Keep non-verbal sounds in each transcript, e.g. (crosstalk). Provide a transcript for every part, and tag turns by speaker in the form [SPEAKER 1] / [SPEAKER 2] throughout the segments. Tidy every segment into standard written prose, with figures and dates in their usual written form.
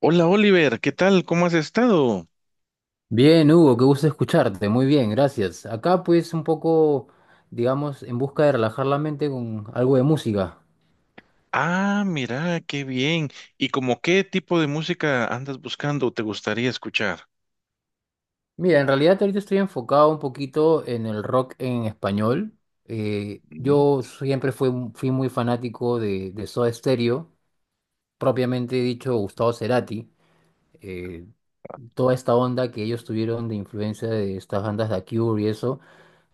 [SPEAKER 1] Hola Oliver, ¿qué tal? ¿Cómo has estado?
[SPEAKER 2] Bien, Hugo, qué gusto escucharte. Muy bien, gracias. Acá pues un poco, digamos, en busca de relajar la mente con algo de música.
[SPEAKER 1] Ah, mira, qué bien. ¿Y como qué tipo de música andas buscando o te gustaría escuchar?
[SPEAKER 2] Mira, en realidad ahorita estoy enfocado un poquito en el rock en español.
[SPEAKER 1] Mm.
[SPEAKER 2] Yo siempre fui muy fanático de Soda Stereo, propiamente dicho Gustavo Cerati. Eh, Toda esta onda que ellos tuvieron de influencia de estas bandas de The Cure y eso.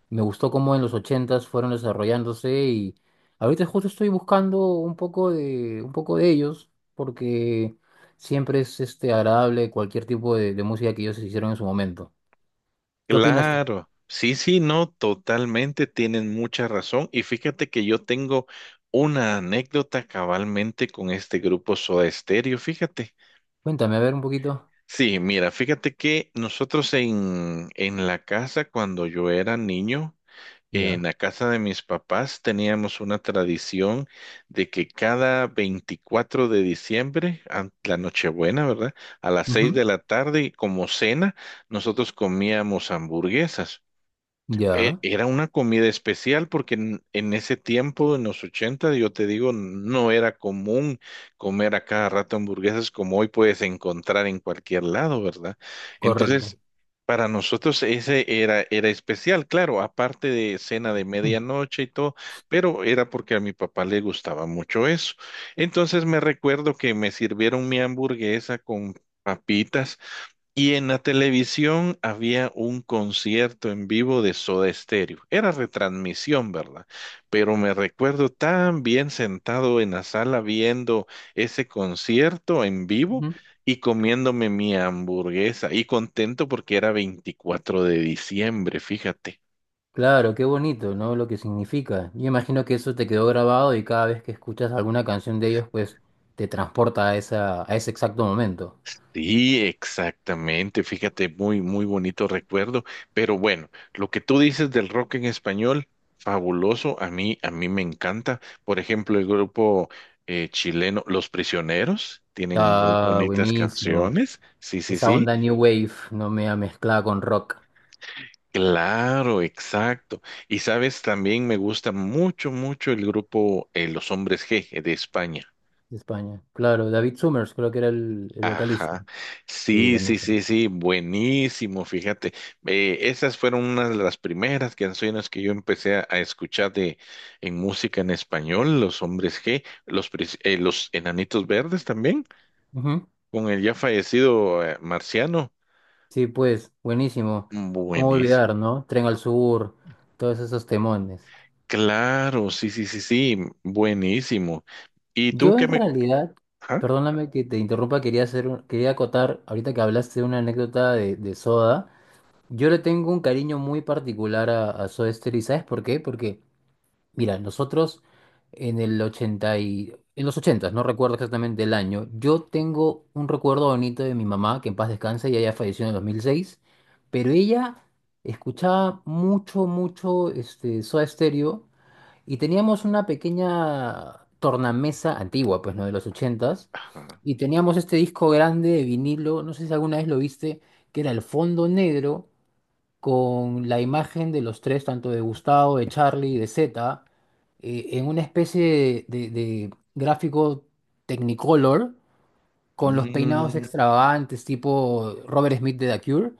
[SPEAKER 2] Me gustó cómo en los ochentas fueron desarrollándose y ahorita justo estoy buscando un poco de ellos porque siempre es agradable cualquier tipo de música que ellos hicieron en su momento. ¿Qué opinas tú?
[SPEAKER 1] Claro, sí, sí, no, totalmente, tienen mucha razón. Y fíjate que yo tengo una anécdota cabalmente con este grupo Soda Stereo, fíjate.
[SPEAKER 2] Cuéntame, a ver un poquito.
[SPEAKER 1] Sí, mira, fíjate que nosotros en la casa cuando yo era niño. En
[SPEAKER 2] Ya.
[SPEAKER 1] la casa de mis papás teníamos una tradición de que cada 24 de diciembre, la Nochebuena, ¿verdad? A las 6
[SPEAKER 2] Ujú.
[SPEAKER 1] de la tarde, y como cena, nosotros comíamos hamburguesas.
[SPEAKER 2] Ya,
[SPEAKER 1] Era una comida especial porque en ese tiempo, en los 80 yo te digo, no era común comer a cada rato hamburguesas como hoy puedes encontrar en cualquier lado, ¿verdad? Entonces,
[SPEAKER 2] correcto.
[SPEAKER 1] para nosotros ese era, era especial, claro, aparte de cena de
[SPEAKER 2] Mm.
[SPEAKER 1] medianoche y todo, pero era porque a mi papá le gustaba mucho eso. Entonces me recuerdo que me sirvieron mi hamburguesa con papitas, y en la televisión había un concierto en vivo de Soda Stereo. Era retransmisión, ¿verdad? Pero me recuerdo tan bien sentado en la sala viendo ese concierto en vivo
[SPEAKER 2] Ujú.
[SPEAKER 1] y comiéndome mi hamburguesa y contento porque era 24 de diciembre, fíjate.
[SPEAKER 2] Claro, qué bonito, ¿no? Lo que significa. Yo imagino que eso te quedó grabado y cada vez que escuchas alguna canción de ellos, pues te transporta a esa, a ese exacto momento.
[SPEAKER 1] Sí, exactamente. Fíjate, muy, muy bonito recuerdo. Pero bueno, lo que tú dices del rock en español, fabuloso. A mí me encanta. Por ejemplo, el grupo chileno Los Prisioneros tienen muy
[SPEAKER 2] Está
[SPEAKER 1] bonitas
[SPEAKER 2] buenísimo.
[SPEAKER 1] canciones. Sí, sí,
[SPEAKER 2] Esa
[SPEAKER 1] sí.
[SPEAKER 2] onda New Wave no me ha mezclado con rock
[SPEAKER 1] Claro, exacto. Y sabes, también me gusta mucho, mucho el grupo Los Hombres G de España.
[SPEAKER 2] de España. Claro, David Summers creo que era el vocalista.
[SPEAKER 1] Ajá,
[SPEAKER 2] Sí,
[SPEAKER 1] sí, sí,
[SPEAKER 2] buenísimo.
[SPEAKER 1] sí, sí, buenísimo, fíjate. Esas fueron unas de las primeras canciones que yo empecé a escuchar de en música en español, Los Hombres G, los Enanitos Verdes también,
[SPEAKER 2] Ujú.
[SPEAKER 1] con el ya fallecido Marciano.
[SPEAKER 2] Sí, pues, buenísimo.
[SPEAKER 1] Mm.
[SPEAKER 2] ¿Cómo
[SPEAKER 1] Buenísimo,
[SPEAKER 2] olvidar, no? Tren al Sur, todos esos temones.
[SPEAKER 1] claro, sí, sí, sí, sí, buenísimo. ¿Y tú
[SPEAKER 2] Yo
[SPEAKER 1] qué
[SPEAKER 2] en
[SPEAKER 1] me...
[SPEAKER 2] realidad,
[SPEAKER 1] ajá,
[SPEAKER 2] perdóname que te interrumpa, quería hacer, quería acotar, ahorita que hablaste de una anécdota de Soda, yo le tengo un cariño muy particular a Soda Stereo, ¿y sabes por qué? Porque mira, nosotros en el 80, y, en los 80, no recuerdo exactamente el año, yo tengo un recuerdo bonito de mi mamá, que en paz descanse, y ella falleció en el 2006, pero ella escuchaba mucho, mucho Soda Stereo y teníamos una pequeña tornamesa antigua, pues, ¿no? De los 80.
[SPEAKER 1] ajá,
[SPEAKER 2] Y teníamos este disco grande de vinilo, no sé si alguna vez lo viste, que era el fondo negro con la imagen de los tres, tanto de Gustavo, de Charlie y de Z, en una especie de gráfico Technicolor, con los peinados
[SPEAKER 1] mm,
[SPEAKER 2] extravagantes, tipo Robert Smith de The Cure,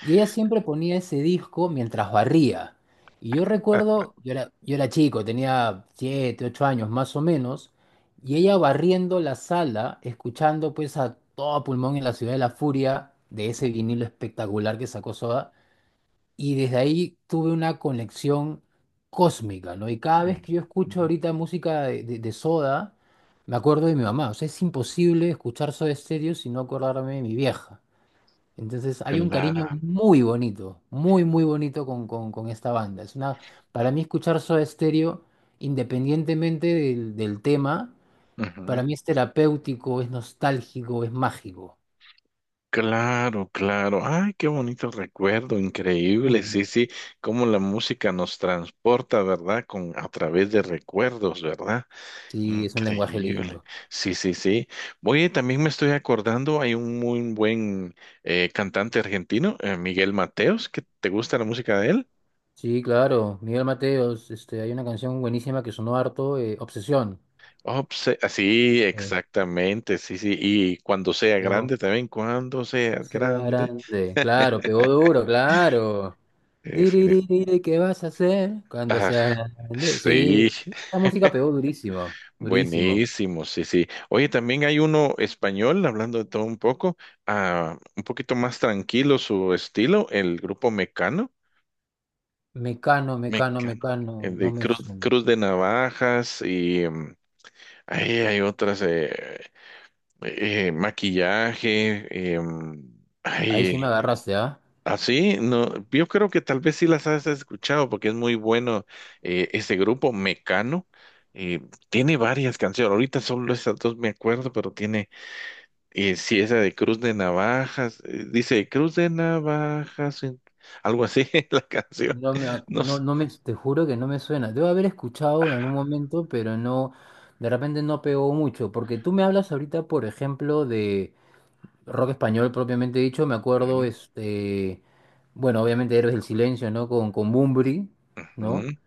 [SPEAKER 2] y ella siempre ponía ese disco mientras barría. Y yo
[SPEAKER 1] ah.
[SPEAKER 2] recuerdo, yo era chico, tenía 7 8 años más o menos, y ella barriendo la sala, escuchando pues a todo pulmón en la ciudad de la furia de ese vinilo espectacular que sacó Soda. Y desde ahí tuve una conexión cósmica, ¿no? Y cada vez
[SPEAKER 1] Mm,
[SPEAKER 2] que yo escucho
[SPEAKER 1] mm.
[SPEAKER 2] ahorita música de Soda, me acuerdo de mi mamá. O sea, es imposible escuchar Soda Stereo sin no acordarme de mi vieja. Entonces hay un
[SPEAKER 1] Claro,
[SPEAKER 2] cariño muy bonito, muy, muy bonito con esta banda. Para mí escuchar Soda Stereo, independientemente del tema, para
[SPEAKER 1] ujú,
[SPEAKER 2] mí es terapéutico, es nostálgico, es mágico.
[SPEAKER 1] claro, claro. Ay, qué bonito recuerdo,
[SPEAKER 2] Muy
[SPEAKER 1] increíble. Sí,
[SPEAKER 2] bueno.
[SPEAKER 1] sí, cómo la música nos transporta, ¿verdad? Con a través de recuerdos, ¿verdad?
[SPEAKER 2] Sí, es un lenguaje
[SPEAKER 1] Increíble.
[SPEAKER 2] lindo.
[SPEAKER 1] Sí, sí, sí. Oye, también me estoy acordando, hay un muy buen cantante argentino, Miguel Mateos, que te gusta la música de él.
[SPEAKER 2] Sí, claro, Miguel Mateos, hay una canción buenísima que sonó harto, Obsesión.
[SPEAKER 1] Oh, pues, sí,
[SPEAKER 2] Eh,
[SPEAKER 1] exactamente, sí, sí. Y cuando sea
[SPEAKER 2] Pegó.
[SPEAKER 1] grande también, cuando seas
[SPEAKER 2] Ese
[SPEAKER 1] grande.
[SPEAKER 2] grande, claro, pegó duro, claro.
[SPEAKER 1] eh, fin-
[SPEAKER 2] Diriririri, ¿qué vas a hacer cuando
[SPEAKER 1] ah,
[SPEAKER 2] sea grande? Sí,
[SPEAKER 1] sí,
[SPEAKER 2] la música pegó durísimo, durísimo.
[SPEAKER 1] buenísimo, sí, sí. Oye, también hay uno español, hablando de todo un poco, ah, un poquito más tranquilo su estilo, el grupo Mecano.
[SPEAKER 2] Mecano, mecano,
[SPEAKER 1] Mecano,
[SPEAKER 2] mecano,
[SPEAKER 1] el
[SPEAKER 2] no
[SPEAKER 1] de
[SPEAKER 2] me
[SPEAKER 1] Cruz,
[SPEAKER 2] suena.
[SPEAKER 1] Cruz de Navajas y mm, ahí hay otras, maquillaje,
[SPEAKER 2] Ahí sí me
[SPEAKER 1] ay,
[SPEAKER 2] agarraste, ¿ah?
[SPEAKER 1] así, no, yo creo que tal vez sí las has escuchado porque es muy bueno ese grupo Mecano. eh, Tiene varias canciones, ahorita solo esas dos me acuerdo, pero tiene, sí, esa de Cruz de Navajas, dice Cruz de Navajas, algo así, (laughs) la canción,
[SPEAKER 2] No me,
[SPEAKER 1] no sé.
[SPEAKER 2] no, te juro que no me suena. Debo haber escuchado en algún momento, pero no, de repente no pegó mucho, porque tú me hablas ahorita, por ejemplo, de rock español propiamente dicho, me acuerdo,
[SPEAKER 1] Ujú.
[SPEAKER 2] bueno, obviamente Héroes del Silencio, ¿no? Con Bunbury, ¿no?
[SPEAKER 1] Ujú.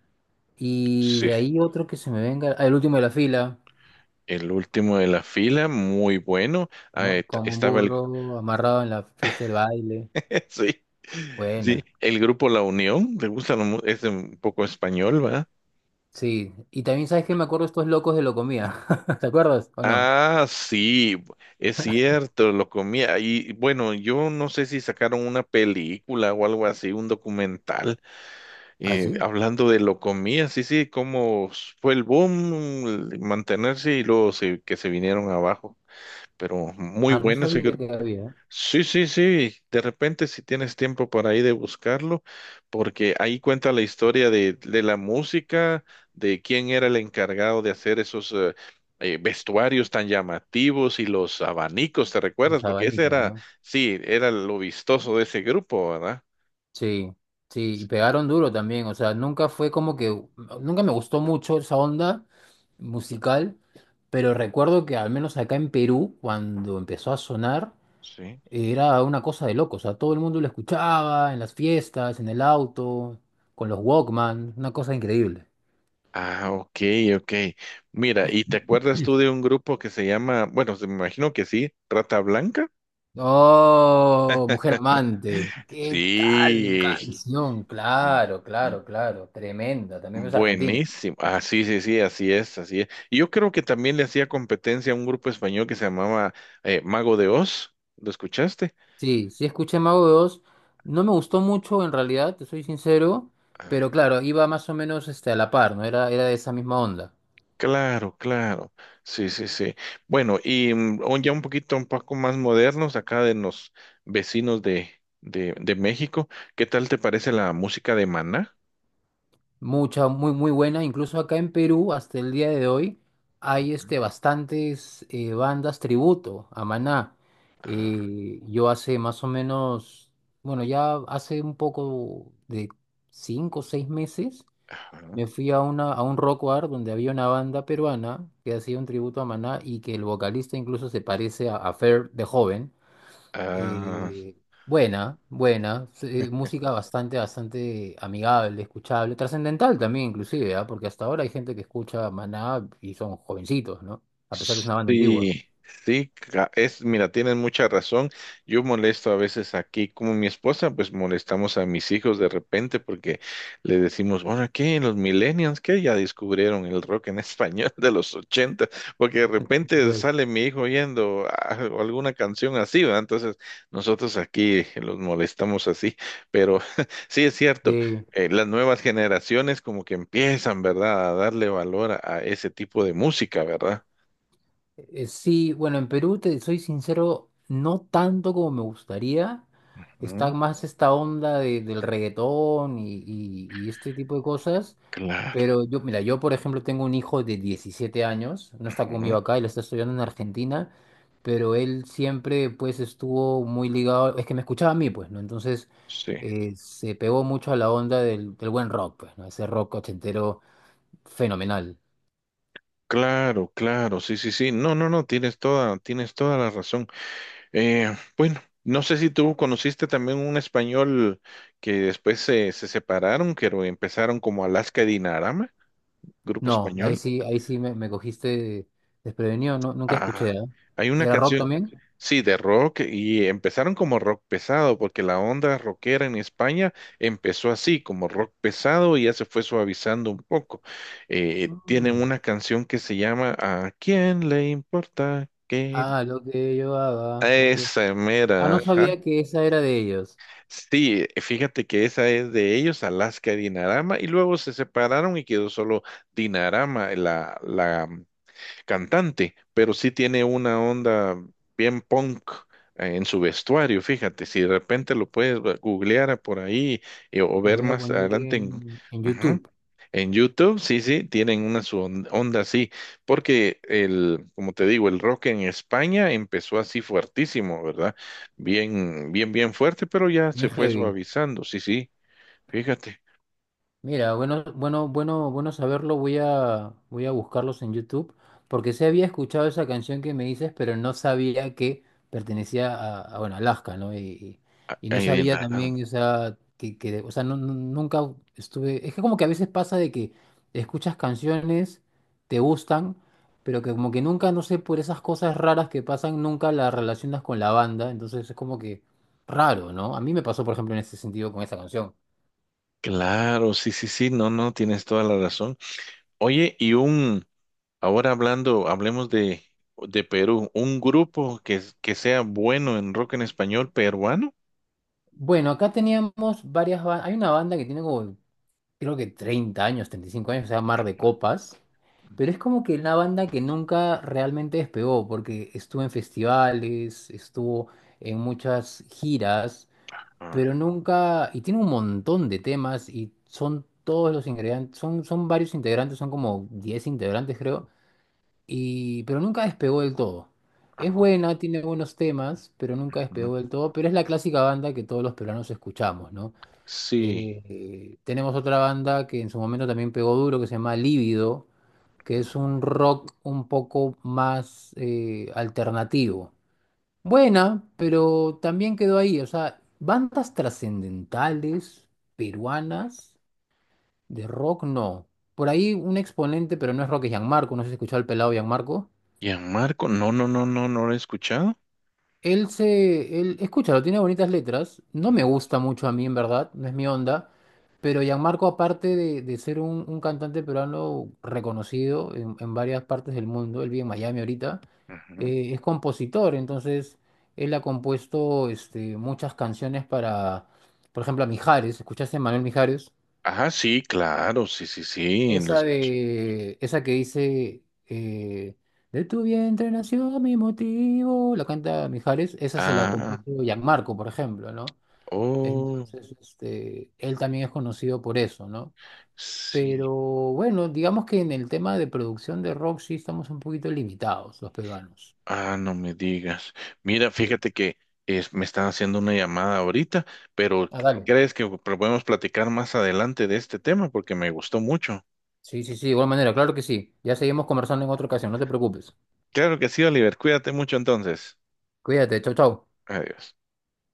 [SPEAKER 2] Y
[SPEAKER 1] Sí,
[SPEAKER 2] de ahí otro que se me venga, ah, El último de la fila,
[SPEAKER 1] El último de la fila, muy bueno. Ah,
[SPEAKER 2] ¿no? Como un
[SPEAKER 1] estaba el...
[SPEAKER 2] burro amarrado en la fiesta del baile.
[SPEAKER 1] (laughs) Sí, sí,
[SPEAKER 2] Buena,
[SPEAKER 1] el grupo La Unión, le gusta, es un poco español, ¿va?
[SPEAKER 2] sí. Y también, ¿sabes qué? Me acuerdo de estos locos de Locomía, (laughs) ¿te acuerdas o no?
[SPEAKER 1] Ah, sí, es cierto, lo comía. Y bueno, yo no sé si sacaron una película o algo así, un documental,
[SPEAKER 2] Ah, sí.
[SPEAKER 1] hablando de lo comía, sí, sí, cómo fue el boom, el mantenerse y luego que se vinieron abajo. Pero muy
[SPEAKER 2] Ah, no
[SPEAKER 1] bueno ese
[SPEAKER 2] sabía
[SPEAKER 1] grupo.
[SPEAKER 2] que había
[SPEAKER 1] Sí, sí, sí. De repente, si tienes tiempo por ahí de buscarlo, porque ahí cuenta la historia de la música, de quién era el encargado de hacer esos vestuarios tan llamativos y los abanicos, ¿te recuerdas?
[SPEAKER 2] los
[SPEAKER 1] Porque ese
[SPEAKER 2] abanicos,
[SPEAKER 1] era,
[SPEAKER 2] ¿no?
[SPEAKER 1] sí, era lo vistoso de ese grupo, ¿verdad?
[SPEAKER 2] Sí, sí, y pegaron duro también, o sea, nunca fue como que, nunca me gustó mucho esa onda musical, pero recuerdo que al menos acá en Perú, cuando empezó a sonar,
[SPEAKER 1] Sí.
[SPEAKER 2] era una cosa de loco, o sea, todo el mundo lo escuchaba en las fiestas, en el auto, con los Walkman, una cosa increíble.
[SPEAKER 1] Ah, ok, ok. Mira, ¿y te acuerdas tú de un grupo que se llama, bueno, me imagino que sí, Rata Blanca?
[SPEAKER 2] Oh, Mujer Amante, ¿qué tal
[SPEAKER 1] Sí.
[SPEAKER 2] canción? Claro, claro, claro, tremenda, también es argentina.
[SPEAKER 1] Buenísimo. Ah, sí, sí, sí, así es, así es. Y yo creo que también le hacía competencia a un grupo español que se llamaba Mago de Oz. ¿Lo escuchaste?
[SPEAKER 2] Sí, sí escuché Mago de Oz. No me gustó mucho en realidad, te soy sincero,
[SPEAKER 1] Ah,
[SPEAKER 2] pero claro, iba más o menos a la par, ¿no? Era de esa misma onda.
[SPEAKER 1] claro, claro. Sí, sí, sí. Bueno, y mm, ya un poquito, un poco más modernos, acá de los vecinos de, de México. ¿Qué tal te parece la música de Maná?
[SPEAKER 2] Mucha, muy, muy buena. Incluso acá en Perú, hasta el día de hoy, hay bastantes bandas tributo a Maná.
[SPEAKER 1] Ah,
[SPEAKER 2] Yo hace más o menos, bueno, ya hace un poco de 5 o 6 meses.
[SPEAKER 1] ajá.
[SPEAKER 2] Me fui a, a un rock bar donde había una banda peruana que hacía un tributo a Maná y que el vocalista incluso se parece a Fer de joven.
[SPEAKER 1] Ah,
[SPEAKER 2] Eh, Buena, buena, música bastante, bastante amigable, escuchable, trascendental también inclusive, ¿ah? Porque hasta ahora hay gente que escucha Maná y son jovencitos, ¿no? A pesar que es una banda antigua.
[SPEAKER 1] sí, sí, es, mira, tienen mucha razón. Yo molesto a veces aquí, como mi esposa, pues molestamos a mis hijos de repente porque le decimos, bueno, ¿qué? Los millennials, ¿qué? Ya descubrieron el rock en (laughs) español de los 80, porque de repente
[SPEAKER 2] Pues,
[SPEAKER 1] sale mi hijo oyendo alguna canción así, ¿verdad? Entonces nosotros aquí los molestamos así, pero (laughs) sí es cierto.
[SPEAKER 2] sí.
[SPEAKER 1] Las nuevas generaciones como que empiezan, ¿verdad?, a darle valor a ese tipo de música, ¿verdad?
[SPEAKER 2] Sí, bueno, en Perú, te soy sincero, no tanto como me gustaría.
[SPEAKER 1] Mm.
[SPEAKER 2] Está más esta onda del reggaetón y este tipo de cosas.
[SPEAKER 1] Claro,
[SPEAKER 2] Pero yo, mira, yo por ejemplo tengo un hijo de 17 años, no está
[SPEAKER 1] ujú,
[SPEAKER 2] conmigo acá, él está estudiando en Argentina, pero él siempre pues estuvo muy ligado, es que me escuchaba a mí pues, ¿no? Entonces
[SPEAKER 1] sí,
[SPEAKER 2] se pegó mucho a la onda del buen rock, pues, ¿no? Ese rock ochentero fenomenal.
[SPEAKER 1] claro, claro, sí, sí, sí. No, no, no, tienes toda la razón. Bueno, no sé si tú conociste también un español que después se, se separaron, que empezaron como Alaska y Dinarama, grupo
[SPEAKER 2] No,
[SPEAKER 1] español.
[SPEAKER 2] ahí sí me cogiste desprevenido, no, nunca escuché,
[SPEAKER 1] Ah,
[SPEAKER 2] ¿ah?
[SPEAKER 1] hay una
[SPEAKER 2] ¿Era rock
[SPEAKER 1] canción.
[SPEAKER 2] también?
[SPEAKER 1] Sí, de rock y empezaron como rock pesado, porque la onda rockera en España empezó así, como rock pesado y ya se fue suavizando un poco. Tienen
[SPEAKER 2] Mm.
[SPEAKER 1] una canción que se llama ¿A quién le importa que
[SPEAKER 2] Ah, lo que llevaba aquí.
[SPEAKER 1] esa
[SPEAKER 2] Ah,
[SPEAKER 1] mera?
[SPEAKER 2] no
[SPEAKER 1] Ajá.
[SPEAKER 2] sabía que esa era de ellos.
[SPEAKER 1] Sí, fíjate que esa es de ellos, Alaska y Dinarama, y luego se separaron y quedó solo Dinarama, la cantante, pero sí tiene una onda bien punk en su vestuario, fíjate, si de repente lo puedes googlear por ahí o
[SPEAKER 2] Lo
[SPEAKER 1] ver
[SPEAKER 2] voy a
[SPEAKER 1] más
[SPEAKER 2] poner
[SPEAKER 1] adelante en,
[SPEAKER 2] en,
[SPEAKER 1] ujú,
[SPEAKER 2] YouTube,
[SPEAKER 1] en YouTube, sí, sí, tienen una su onda así, porque el, como te digo, el rock en España empezó así fuertísimo, ¿verdad? Bien, bien, bien fuerte, pero ya se
[SPEAKER 2] bien
[SPEAKER 1] fue
[SPEAKER 2] heavy.
[SPEAKER 1] suavizando, sí, sí, fíjate.
[SPEAKER 2] Mira, bueno, bueno, bueno, bueno saberlo. Voy a buscarlos en YouTube porque sí había escuchado esa canción que me dices, pero no sabía que pertenecía a, bueno, Alaska, ¿no? Y no
[SPEAKER 1] Ay, de
[SPEAKER 2] sabía
[SPEAKER 1] nada.
[SPEAKER 2] también, o sea, o sea, nunca estuve. Es que como que a veces pasa de que escuchas canciones, te gustan, pero que como que nunca, no sé, por esas cosas raras que pasan, nunca las relacionas con la banda. Entonces es como que raro, ¿no? A mí me pasó, por ejemplo, en ese sentido con esa canción.
[SPEAKER 1] Claro, sí, sí, sí, no, no, tienes toda la razón. Oye, y un, ahora hablando, hablemos de Perú, un grupo que sea bueno en rock en español peruano.
[SPEAKER 2] Bueno, acá teníamos varias bandas. Hay una banda que tiene como, creo que 30 años, 35 años, se llama Mar de Copas. Pero es como que una banda que nunca realmente despegó, porque estuvo en festivales, estuvo en muchas giras,
[SPEAKER 1] Ah,
[SPEAKER 2] pero nunca. Y tiene un montón de temas y son todos los ingredientes, son varios integrantes, son como 10 integrantes, creo. Y, pero nunca despegó del todo. Es
[SPEAKER 1] ah,
[SPEAKER 2] buena, tiene buenos temas, pero nunca
[SPEAKER 1] ujú.
[SPEAKER 2] despegó del todo. Pero es la clásica banda que todos los peruanos escuchamos, ¿no?
[SPEAKER 1] Sí.
[SPEAKER 2] Tenemos otra banda que en su momento también pegó duro, que se llama Lívido, que es un rock un poco más alternativo. Buena, pero también quedó ahí. O sea, bandas trascendentales peruanas de rock, no. Por ahí un exponente, pero no es rock, es Gianmarco. No sé si has escuchado el pelado Gianmarco.
[SPEAKER 1] Marco, no, no, no, no, no lo he escuchado.
[SPEAKER 2] Él se, él, escúchalo, tiene bonitas letras. No me gusta mucho a mí, en verdad, no es mi onda. Pero Gianmarco, aparte de ser un cantante peruano reconocido en varias partes del mundo, él vive en Miami ahorita,
[SPEAKER 1] Ujú.
[SPEAKER 2] es compositor. Entonces, él ha compuesto muchas canciones para, por ejemplo, a Mijares. ¿Escuchaste a Manuel Mijares?
[SPEAKER 1] Ah, sí, claro, sí, sí, sí. En los...
[SPEAKER 2] Esa que dice, de tu vientre nació mi motivo, la canta Mijares, esa se la
[SPEAKER 1] Ah,
[SPEAKER 2] compuso Gianmarco, por ejemplo, ¿no?
[SPEAKER 1] oh,
[SPEAKER 2] Entonces, él también es conocido por eso, ¿no? Pero
[SPEAKER 1] sí.
[SPEAKER 2] bueno, digamos que en el tema de producción de rock sí estamos un poquito limitados los peruanos.
[SPEAKER 1] Ah, no me digas. Mira,
[SPEAKER 2] Sí.
[SPEAKER 1] fíjate que me están haciendo una llamada ahorita, pero
[SPEAKER 2] Ah, dale.
[SPEAKER 1] ¿crees que podemos platicar más adelante de este tema? Porque me gustó mucho.
[SPEAKER 2] Sí, sí, sí, de igual manera, claro que sí. Ya seguimos conversando en otra ocasión, no te preocupes.
[SPEAKER 1] Claro que sí, Oliver. Cuídate mucho entonces.
[SPEAKER 2] Cuídate, chau, chau.
[SPEAKER 1] Adiós.